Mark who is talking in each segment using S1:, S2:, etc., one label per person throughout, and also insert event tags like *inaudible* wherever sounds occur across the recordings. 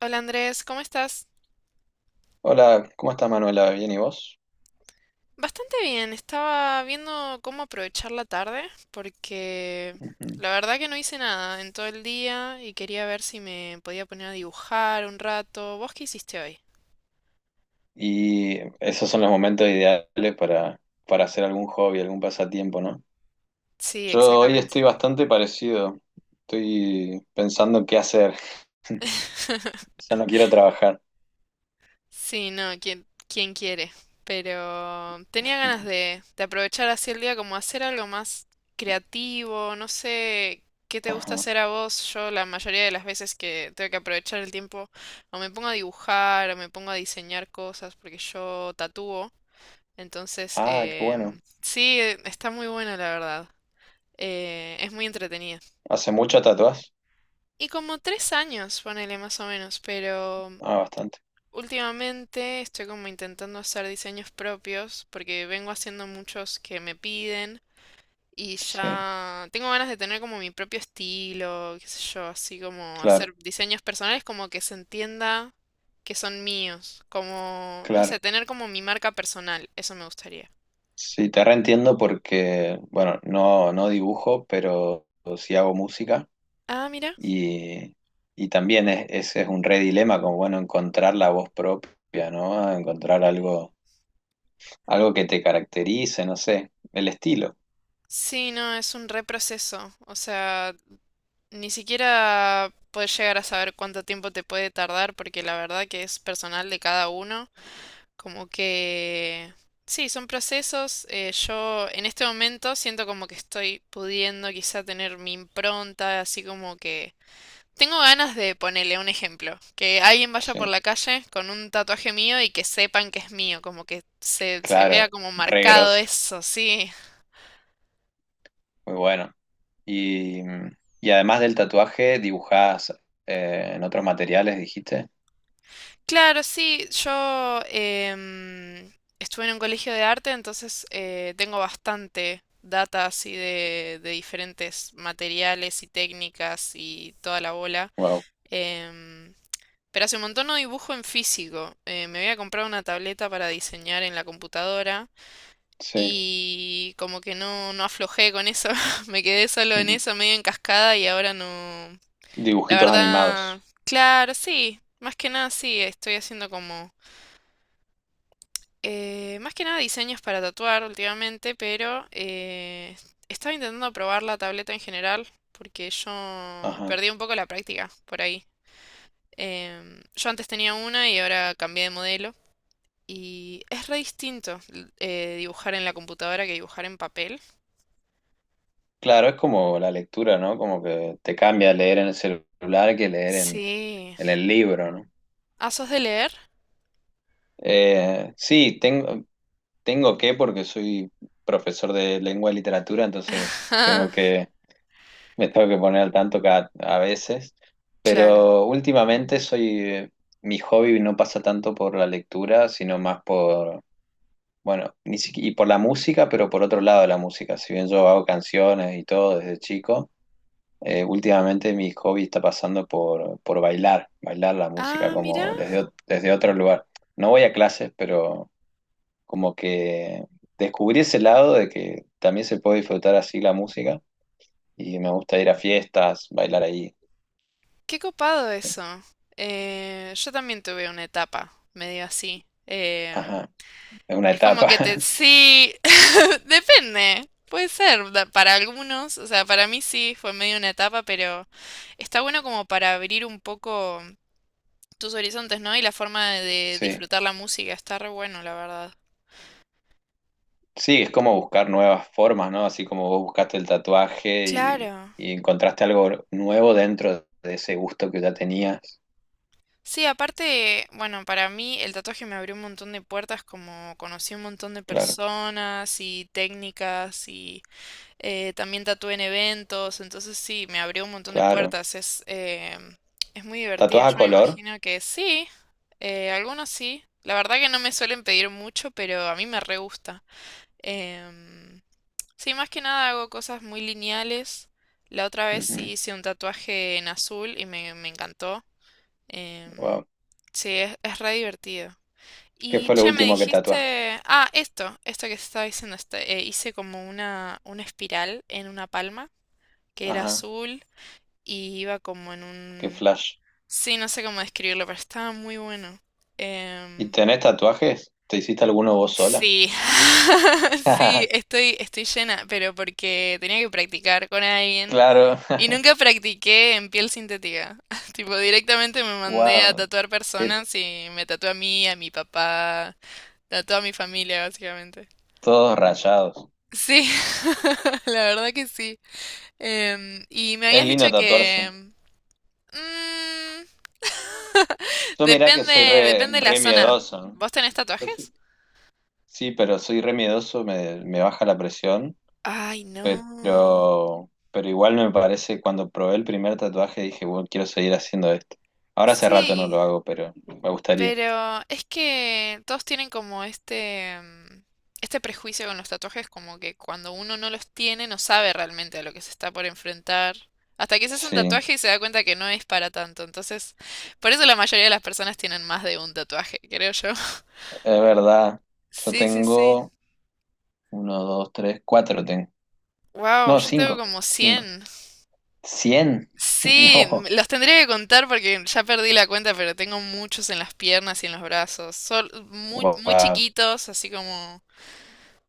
S1: Hola Andrés, ¿cómo estás?
S2: Hola, ¿cómo estás, Manuela? ¿Bien y vos?
S1: Bastante bien, estaba viendo cómo aprovechar la tarde porque
S2: Ujú.
S1: la verdad que no hice nada en todo el día y quería ver si me podía poner a dibujar un rato. ¿Vos qué hiciste hoy?
S2: Y esos son los momentos ideales para hacer algún hobby, algún pasatiempo, ¿no?
S1: Sí,
S2: Yo hoy
S1: exactamente.
S2: estoy bastante parecido. Estoy pensando en qué hacer. *laughs*
S1: *laughs*
S2: O sea, no quiero trabajar.
S1: Sí, no, quién quiere. Pero tenía ganas de aprovechar así el día como hacer algo más creativo, no sé qué te gusta
S2: Ajá.
S1: hacer a vos. Yo la mayoría de las veces que tengo que aprovechar el tiempo o me pongo a dibujar o me pongo a diseñar cosas porque yo tatúo. Entonces,
S2: Ah, qué bueno.
S1: em, sí, eh, está muy buena la verdad. Es muy entretenida.
S2: ¿Hace mucho tatuás?
S1: Y como 3 años, ponele más o menos, pero
S2: Ah, bastante.
S1: últimamente estoy como intentando hacer diseños propios porque vengo haciendo muchos que me piden y
S2: Sí,
S1: ya tengo ganas de tener como mi propio estilo, qué sé yo, así como
S2: claro,
S1: hacer diseños personales como que se entienda que son míos, como, no sé,
S2: claro.
S1: tener como mi marca personal, eso me gustaría.
S2: Sí, te reentiendo porque, bueno, no, no dibujo, pero sí hago música.
S1: Ah, mira.
S2: Y, y también ese es un re dilema, como bueno, encontrar la voz propia, ¿no? Encontrar algo que te caracterice, no sé, el estilo.
S1: Sí, no, es un reproceso. O sea, ni siquiera puedes llegar a saber cuánto tiempo te puede tardar porque la verdad que es personal de cada uno. Como que... Sí, son procesos. Yo en este momento siento como que estoy pudiendo quizá tener mi impronta, así como que... Tengo ganas de ponerle un ejemplo, que alguien vaya por
S2: Sí,
S1: la calle con un tatuaje mío y que sepan que es mío, como que se vea
S2: claro,
S1: como
S2: re
S1: marcado
S2: grosso,
S1: eso, sí.
S2: muy bueno. Y, y además del tatuaje, dibujás en otros materiales, dijiste.
S1: Claro, sí, yo estuve en un colegio de arte, entonces tengo bastante data así de diferentes materiales y técnicas y toda la bola.
S2: Wow,
S1: Em, pero hace un montón no dibujo en físico. Me había comprado una tableta para diseñar en la computadora
S2: sí.
S1: y como que no, no aflojé con eso. *laughs* Me quedé solo en
S2: Ujú.
S1: eso, medio en cascada y ahora no... La
S2: Dibujitos
S1: verdad,
S2: animados.
S1: claro, sí. Más que nada sí, estoy haciendo como... Más que nada diseños para tatuar últimamente, pero estaba intentando probar la tableta en general porque yo
S2: Ajá.
S1: perdí un poco la práctica por ahí. Yo antes tenía una y ahora cambié de modelo y es re distinto dibujar en la computadora que dibujar en papel.
S2: Claro, es como la lectura, ¿no? Como que te cambia leer en el celular que leer en,
S1: Sí.
S2: en el libro, ¿no?
S1: Ah, ¿sos de leer?
S2: Sí, tengo que porque soy profesor de lengua y literatura,
S1: *laughs* Ah,
S2: me tengo que poner al tanto cada, a veces,
S1: claro.
S2: pero últimamente soy, mi hobby no pasa tanto por la lectura, sino bueno, ni siqui- y por la música, pero por otro lado de la música. Si bien yo hago canciones y todo desde chico, últimamente mi hobby está por bailar, bailar la música
S1: Ah, mira,
S2: desde otro lugar. No voy a clases, pero como que descubrí ese lado de que también se puede disfrutar así la música y me gusta ir a fiestas, bailar ahí.
S1: qué copado eso. Yo también tuve una etapa medio así.
S2: Ajá, es una
S1: Es como
S2: etapa,
S1: que te...
S2: *laughs*
S1: Sí, *laughs* depende. Puede ser para algunos, o sea, para mí sí, fue medio una etapa, pero está bueno como para abrir un poco tus horizontes, ¿no? Y la forma de
S2: sí.
S1: disfrutar la música, está re bueno, la verdad.
S2: Sí, es como buscar nuevas formas, ¿no? Así como vos buscaste el tatuaje y,
S1: Claro.
S2: y encontraste algo nuevo dentro de ese gusto que ya tenías.
S1: Sí, aparte, bueno, para mí el tatuaje me abrió un montón de puertas, como conocí un montón de
S2: Claro,
S1: personas y técnicas. También tatué en eventos, entonces sí, me abrió un montón de
S2: claro.
S1: puertas. Es muy divertido.
S2: ¿Tatuaje a
S1: Yo me
S2: color?
S1: imagino que sí, algunos sí. La verdad que no me suelen pedir mucho, pero a mí me re gusta. Em, sí, más que nada hago cosas muy lineales. La otra vez sí
S2: Ujú.
S1: hice un tatuaje en azul y me encantó. Em,
S2: Wow.
S1: sí, es re divertido.
S2: ¿Qué
S1: Y
S2: fue lo
S1: che, me
S2: último que tatuaste?
S1: dijiste, ah, esto que se estaba diciendo, hice como una espiral en una palma que era
S2: Ajá,
S1: azul y iba como en
S2: qué
S1: un...
S2: flash.
S1: Sí, no sé cómo describirlo, pero estaba muy bueno.
S2: ¿Y
S1: Em,
S2: tenés tatuajes? ¿Te hiciste alguno vos sola?
S1: sí, *laughs* sí,
S2: *laughs*
S1: estoy llena, pero porque tenía que practicar con alguien
S2: Claro.
S1: y nunca practiqué en piel sintética. *laughs* Tipo, directamente me
S2: *laughs*
S1: mandé a
S2: Wow.
S1: tatuar
S2: Te-
S1: personas y me tatué a mí, a mi papá, tatué a mi familia, básicamente.
S2: Todos rayados.
S1: Sí, *laughs* la verdad que sí. Y me
S2: Es
S1: habías dicho
S2: lindo
S1: que...
S2: tatuarse.
S1: mm,
S2: Yo mirá que
S1: Depende,
S2: soy
S1: depende de la
S2: re
S1: zona.
S2: miedoso, ¿no?
S1: ¿Vos tenés
S2: Yo
S1: tatuajes?
S2: soy- sí, pero soy re miedoso, me baja la presión,
S1: Ay, no.
S2: pero igual me parece, cuando probé el primer tatuaje dije, bueno, quiero seguir haciendo esto. Ahora hace rato no lo
S1: Sí,
S2: hago, pero me gustaría.
S1: pero es que todos tienen como este prejuicio con los tatuajes, como que cuando uno no los tiene no sabe realmente a lo que se está por enfrentar. Hasta que se hace un
S2: Sí,
S1: tatuaje y se da cuenta que no es para tanto. Entonces, por eso la mayoría de las personas tienen más de un tatuaje, creo yo. *laughs*
S2: es verdad. Yo
S1: Sí, sí, sí.
S2: tengo uno, dos, tres, cuatro tengo.
S1: Wow,
S2: No,
S1: yo tengo
S2: cinco,
S1: como
S2: cinco.
S1: 100.
S2: ¿Cien? *laughs*
S1: Sí,
S2: No,
S1: los tendría que contar porque ya perdí la cuenta, pero tengo muchos en las piernas y en los brazos. Son muy, muy
S2: wow,
S1: chiquitos, así como...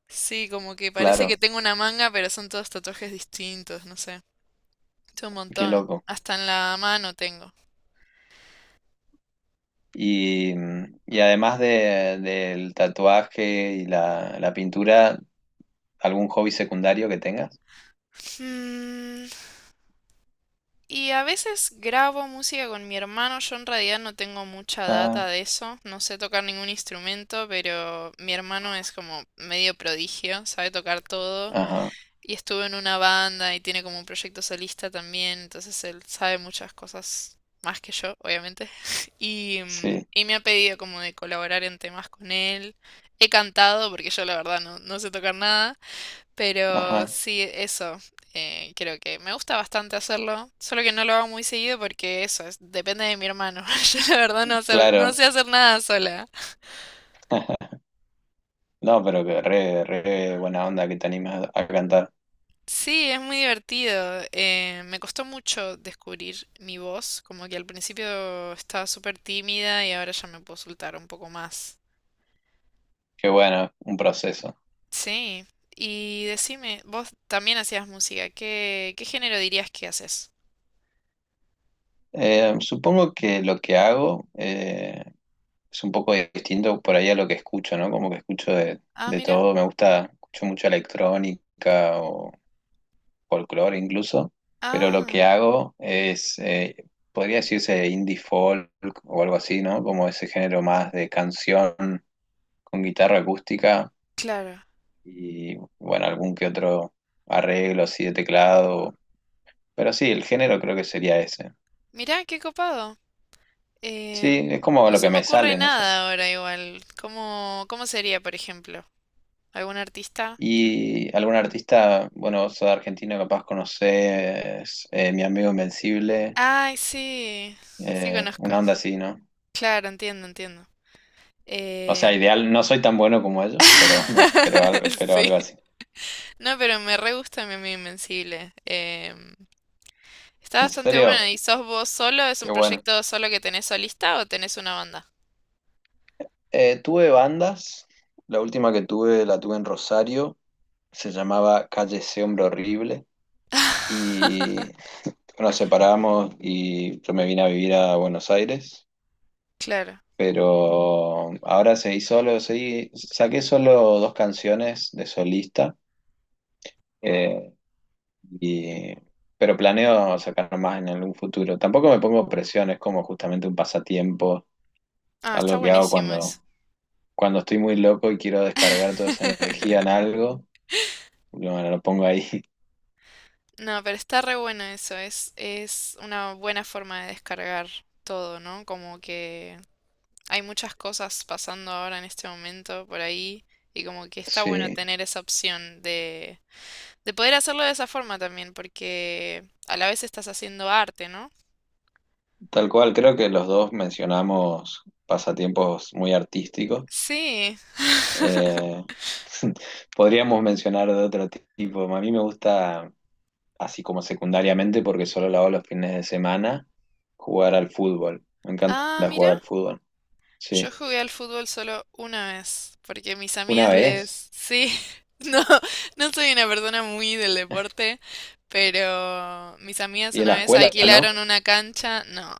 S1: Sí, como que parece que
S2: claro,
S1: tengo una manga, pero son todos tatuajes distintos, no sé. Es un
S2: qué
S1: montón.
S2: loco.
S1: Hasta en la mano tengo.
S2: Y, y además del tatuaje y la pintura, ¿algún hobby secundario que tengas?
S1: Mm, y a veces grabo música con mi hermano. Yo en realidad no tengo mucha data
S2: Ah,
S1: de eso. No sé tocar ningún instrumento, pero mi hermano es como medio prodigio, sabe tocar todo.
S2: ajá,
S1: Y estuvo en una banda y tiene como un proyecto solista también, entonces él sabe muchas cosas más que yo, obviamente. *laughs* Y, mm,
S2: sí,
S1: y me ha pedido como de colaborar en temas con él. He cantado, porque yo la verdad no, no sé tocar nada, pero
S2: ajá,
S1: sí, eso. Creo que me gusta bastante hacerlo, solo que no lo hago muy seguido porque eso es, depende de mi hermano. *laughs* Yo la verdad no, no
S2: claro.
S1: sé hacer nada sola.
S2: No, pero que re buena onda que te animas a cantar.
S1: Sí, es muy divertido. Me costó mucho descubrir mi voz, como que al principio estaba súper tímida y ahora ya me puedo soltar un poco más.
S2: Qué bueno, un proceso.
S1: Sí, y decime, vos también hacías música, ¿qué género dirías que haces?
S2: Supongo que lo que hago es un poco distinto por ahí a lo que escucho, ¿no? Como que escucho
S1: Ah,
S2: de
S1: mira.
S2: todo, me gusta, escucho mucha electrónica o folclore incluso, pero lo que
S1: Ah,
S2: hago es, podría decirse indie folk o algo así, ¿no? Como ese género más de canción con guitarra acústica
S1: claro.
S2: y, bueno, algún que otro arreglo así de teclado, pero sí, el género creo que sería ese.
S1: Mira, qué copado. Em,
S2: Sí, es como
S1: no
S2: lo que
S1: se me
S2: me
S1: ocurre
S2: sale, no sé.
S1: nada ahora igual. ¿Cómo sería, por ejemplo? ¿Algún artista?
S2: Y algún artista, bueno, vos sos de Argentina, capaz conocés Mi Amigo Invencible,
S1: Ay, sí. Sí conozco.
S2: una onda así, ¿no?
S1: Claro, entiendo, entiendo.
S2: O sea,
S1: Eh,
S2: ideal, no soy tan bueno como ellos, pero, *laughs* pero
S1: *laughs* Sí.
S2: algo así.
S1: No, pero me re gusta Mi Amigo Invencible. Está
S2: En
S1: bastante bueno.
S2: serio,
S1: ¿Y sos vos solo? ¿Es un
S2: qué bueno.
S1: proyecto solo que tenés solista o tenés una banda?
S2: Tuve bandas, la última que tuve la tuve en Rosario, se llamaba Calle Ese Hombre Horrible, y
S1: *laughs*
S2: bueno, nos separamos y yo me vine a vivir a Buenos Aires,
S1: Claro.
S2: pero ahora seguí solo, seguí, saqué solo dos canciones de solista, eh, y pero planeo sacar más en algún futuro. Tampoco me pongo presión, es como justamente un pasatiempo.
S1: Ah, está
S2: Algo que hago
S1: buenísimo eso.
S2: cuando estoy muy loco y quiero descargar toda esa energía en
S1: *laughs*
S2: algo, lo pongo ahí. *laughs*
S1: No, pero está re bueno eso. Es una buena forma de descargar todo, ¿no? Como que hay muchas cosas pasando ahora en este momento por ahí y como que está bueno
S2: Sí,
S1: tener esa opción de... De poder hacerlo de esa forma también, porque a la vez estás haciendo arte, ¿no?
S2: tal cual. Creo que los dos mencionamos pasatiempos muy artísticos.
S1: Sí.
S2: Eh, *laughs* Podríamos mencionar de otro tipo. A mí me gusta, así como secundariamente, porque solo lo hago los fines de semana, jugar al fútbol. Me encanta
S1: Ah, mira.
S2: jugar al fútbol.
S1: Yo
S2: Sí,
S1: jugué al fútbol solo una vez, porque mis
S2: una
S1: amigas
S2: vez.
S1: les... Sí, *laughs* no, no soy una persona muy del deporte, pero mis amigas
S2: Y en
S1: una
S2: la
S1: vez
S2: escuela, ¿no?
S1: alquilaron una cancha. No,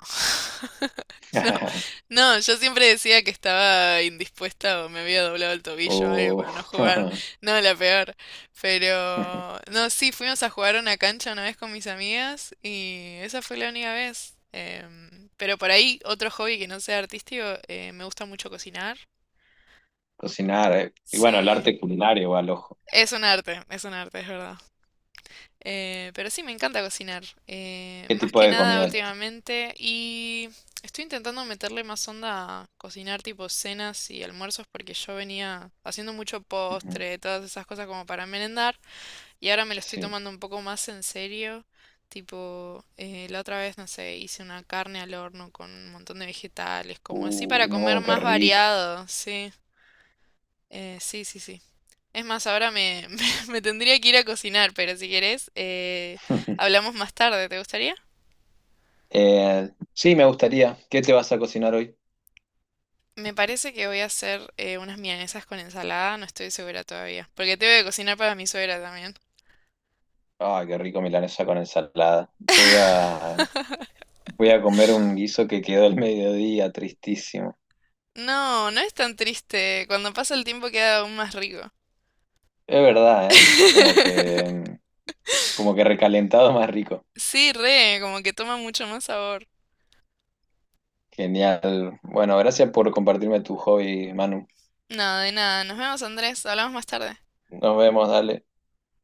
S1: *laughs* no,
S2: *laughs*
S1: no, yo siempre decía que estaba indispuesta o me había doblado el tobillo o algo
S2: O
S1: para no jugar.
S2: *laughs*
S1: No, la peor. Pero, no, sí, fuimos a jugar a una cancha una vez con mis amigas y esa fue la única vez. Pero por ahí, otro hobby que no sea artístico, me gusta mucho cocinar.
S2: cocinar, eh. Y bueno, el
S1: Sí,
S2: arte culinario va al ojo.
S1: es un arte, es un arte, es verdad. Pero sí, me encanta cocinar.
S2: ¿Qué
S1: Más
S2: tipo
S1: que
S2: de
S1: nada
S2: comida?
S1: últimamente y estoy intentando meterle más onda a cocinar tipo cenas y almuerzos porque yo venía haciendo mucho
S2: Ujú.
S1: postre, todas esas cosas como para merendar. Y ahora me lo estoy
S2: Sí.
S1: tomando un poco más en serio. Tipo, la otra vez, no sé, hice una carne al horno con un montón de vegetales, como así para comer
S2: No, qué
S1: más
S2: rico.
S1: variado, sí. Sí, sí, sí. Es más, ahora me, *laughs* me tendría que ir a cocinar, pero si querés,
S2: *laughs*
S1: hablamos más tarde, ¿te gustaría?
S2: Sí, me gustaría. ¿Qué te vas a cocinar hoy?
S1: Me parece que voy a hacer unas milanesas con ensalada, no estoy segura todavía, porque tengo que cocinar para mi suegra también.
S2: Ay, qué rico milanesa con ensalada. Voy a comer un guiso que quedó al mediodía, tristísimo.
S1: No, no es tan triste, cuando pasa el tiempo queda aún más rico.
S2: Es verdad, ¿eh? Como que,
S1: *laughs*
S2: mm, como que recalentado más rico.
S1: Sí, re, como que toma mucho más sabor.
S2: Genial. Bueno, gracias por compartirme tu hobby, Manu.
S1: Nada, de nada. Nos vemos, Andrés. Hablamos más tarde.
S2: Nos vemos, dale.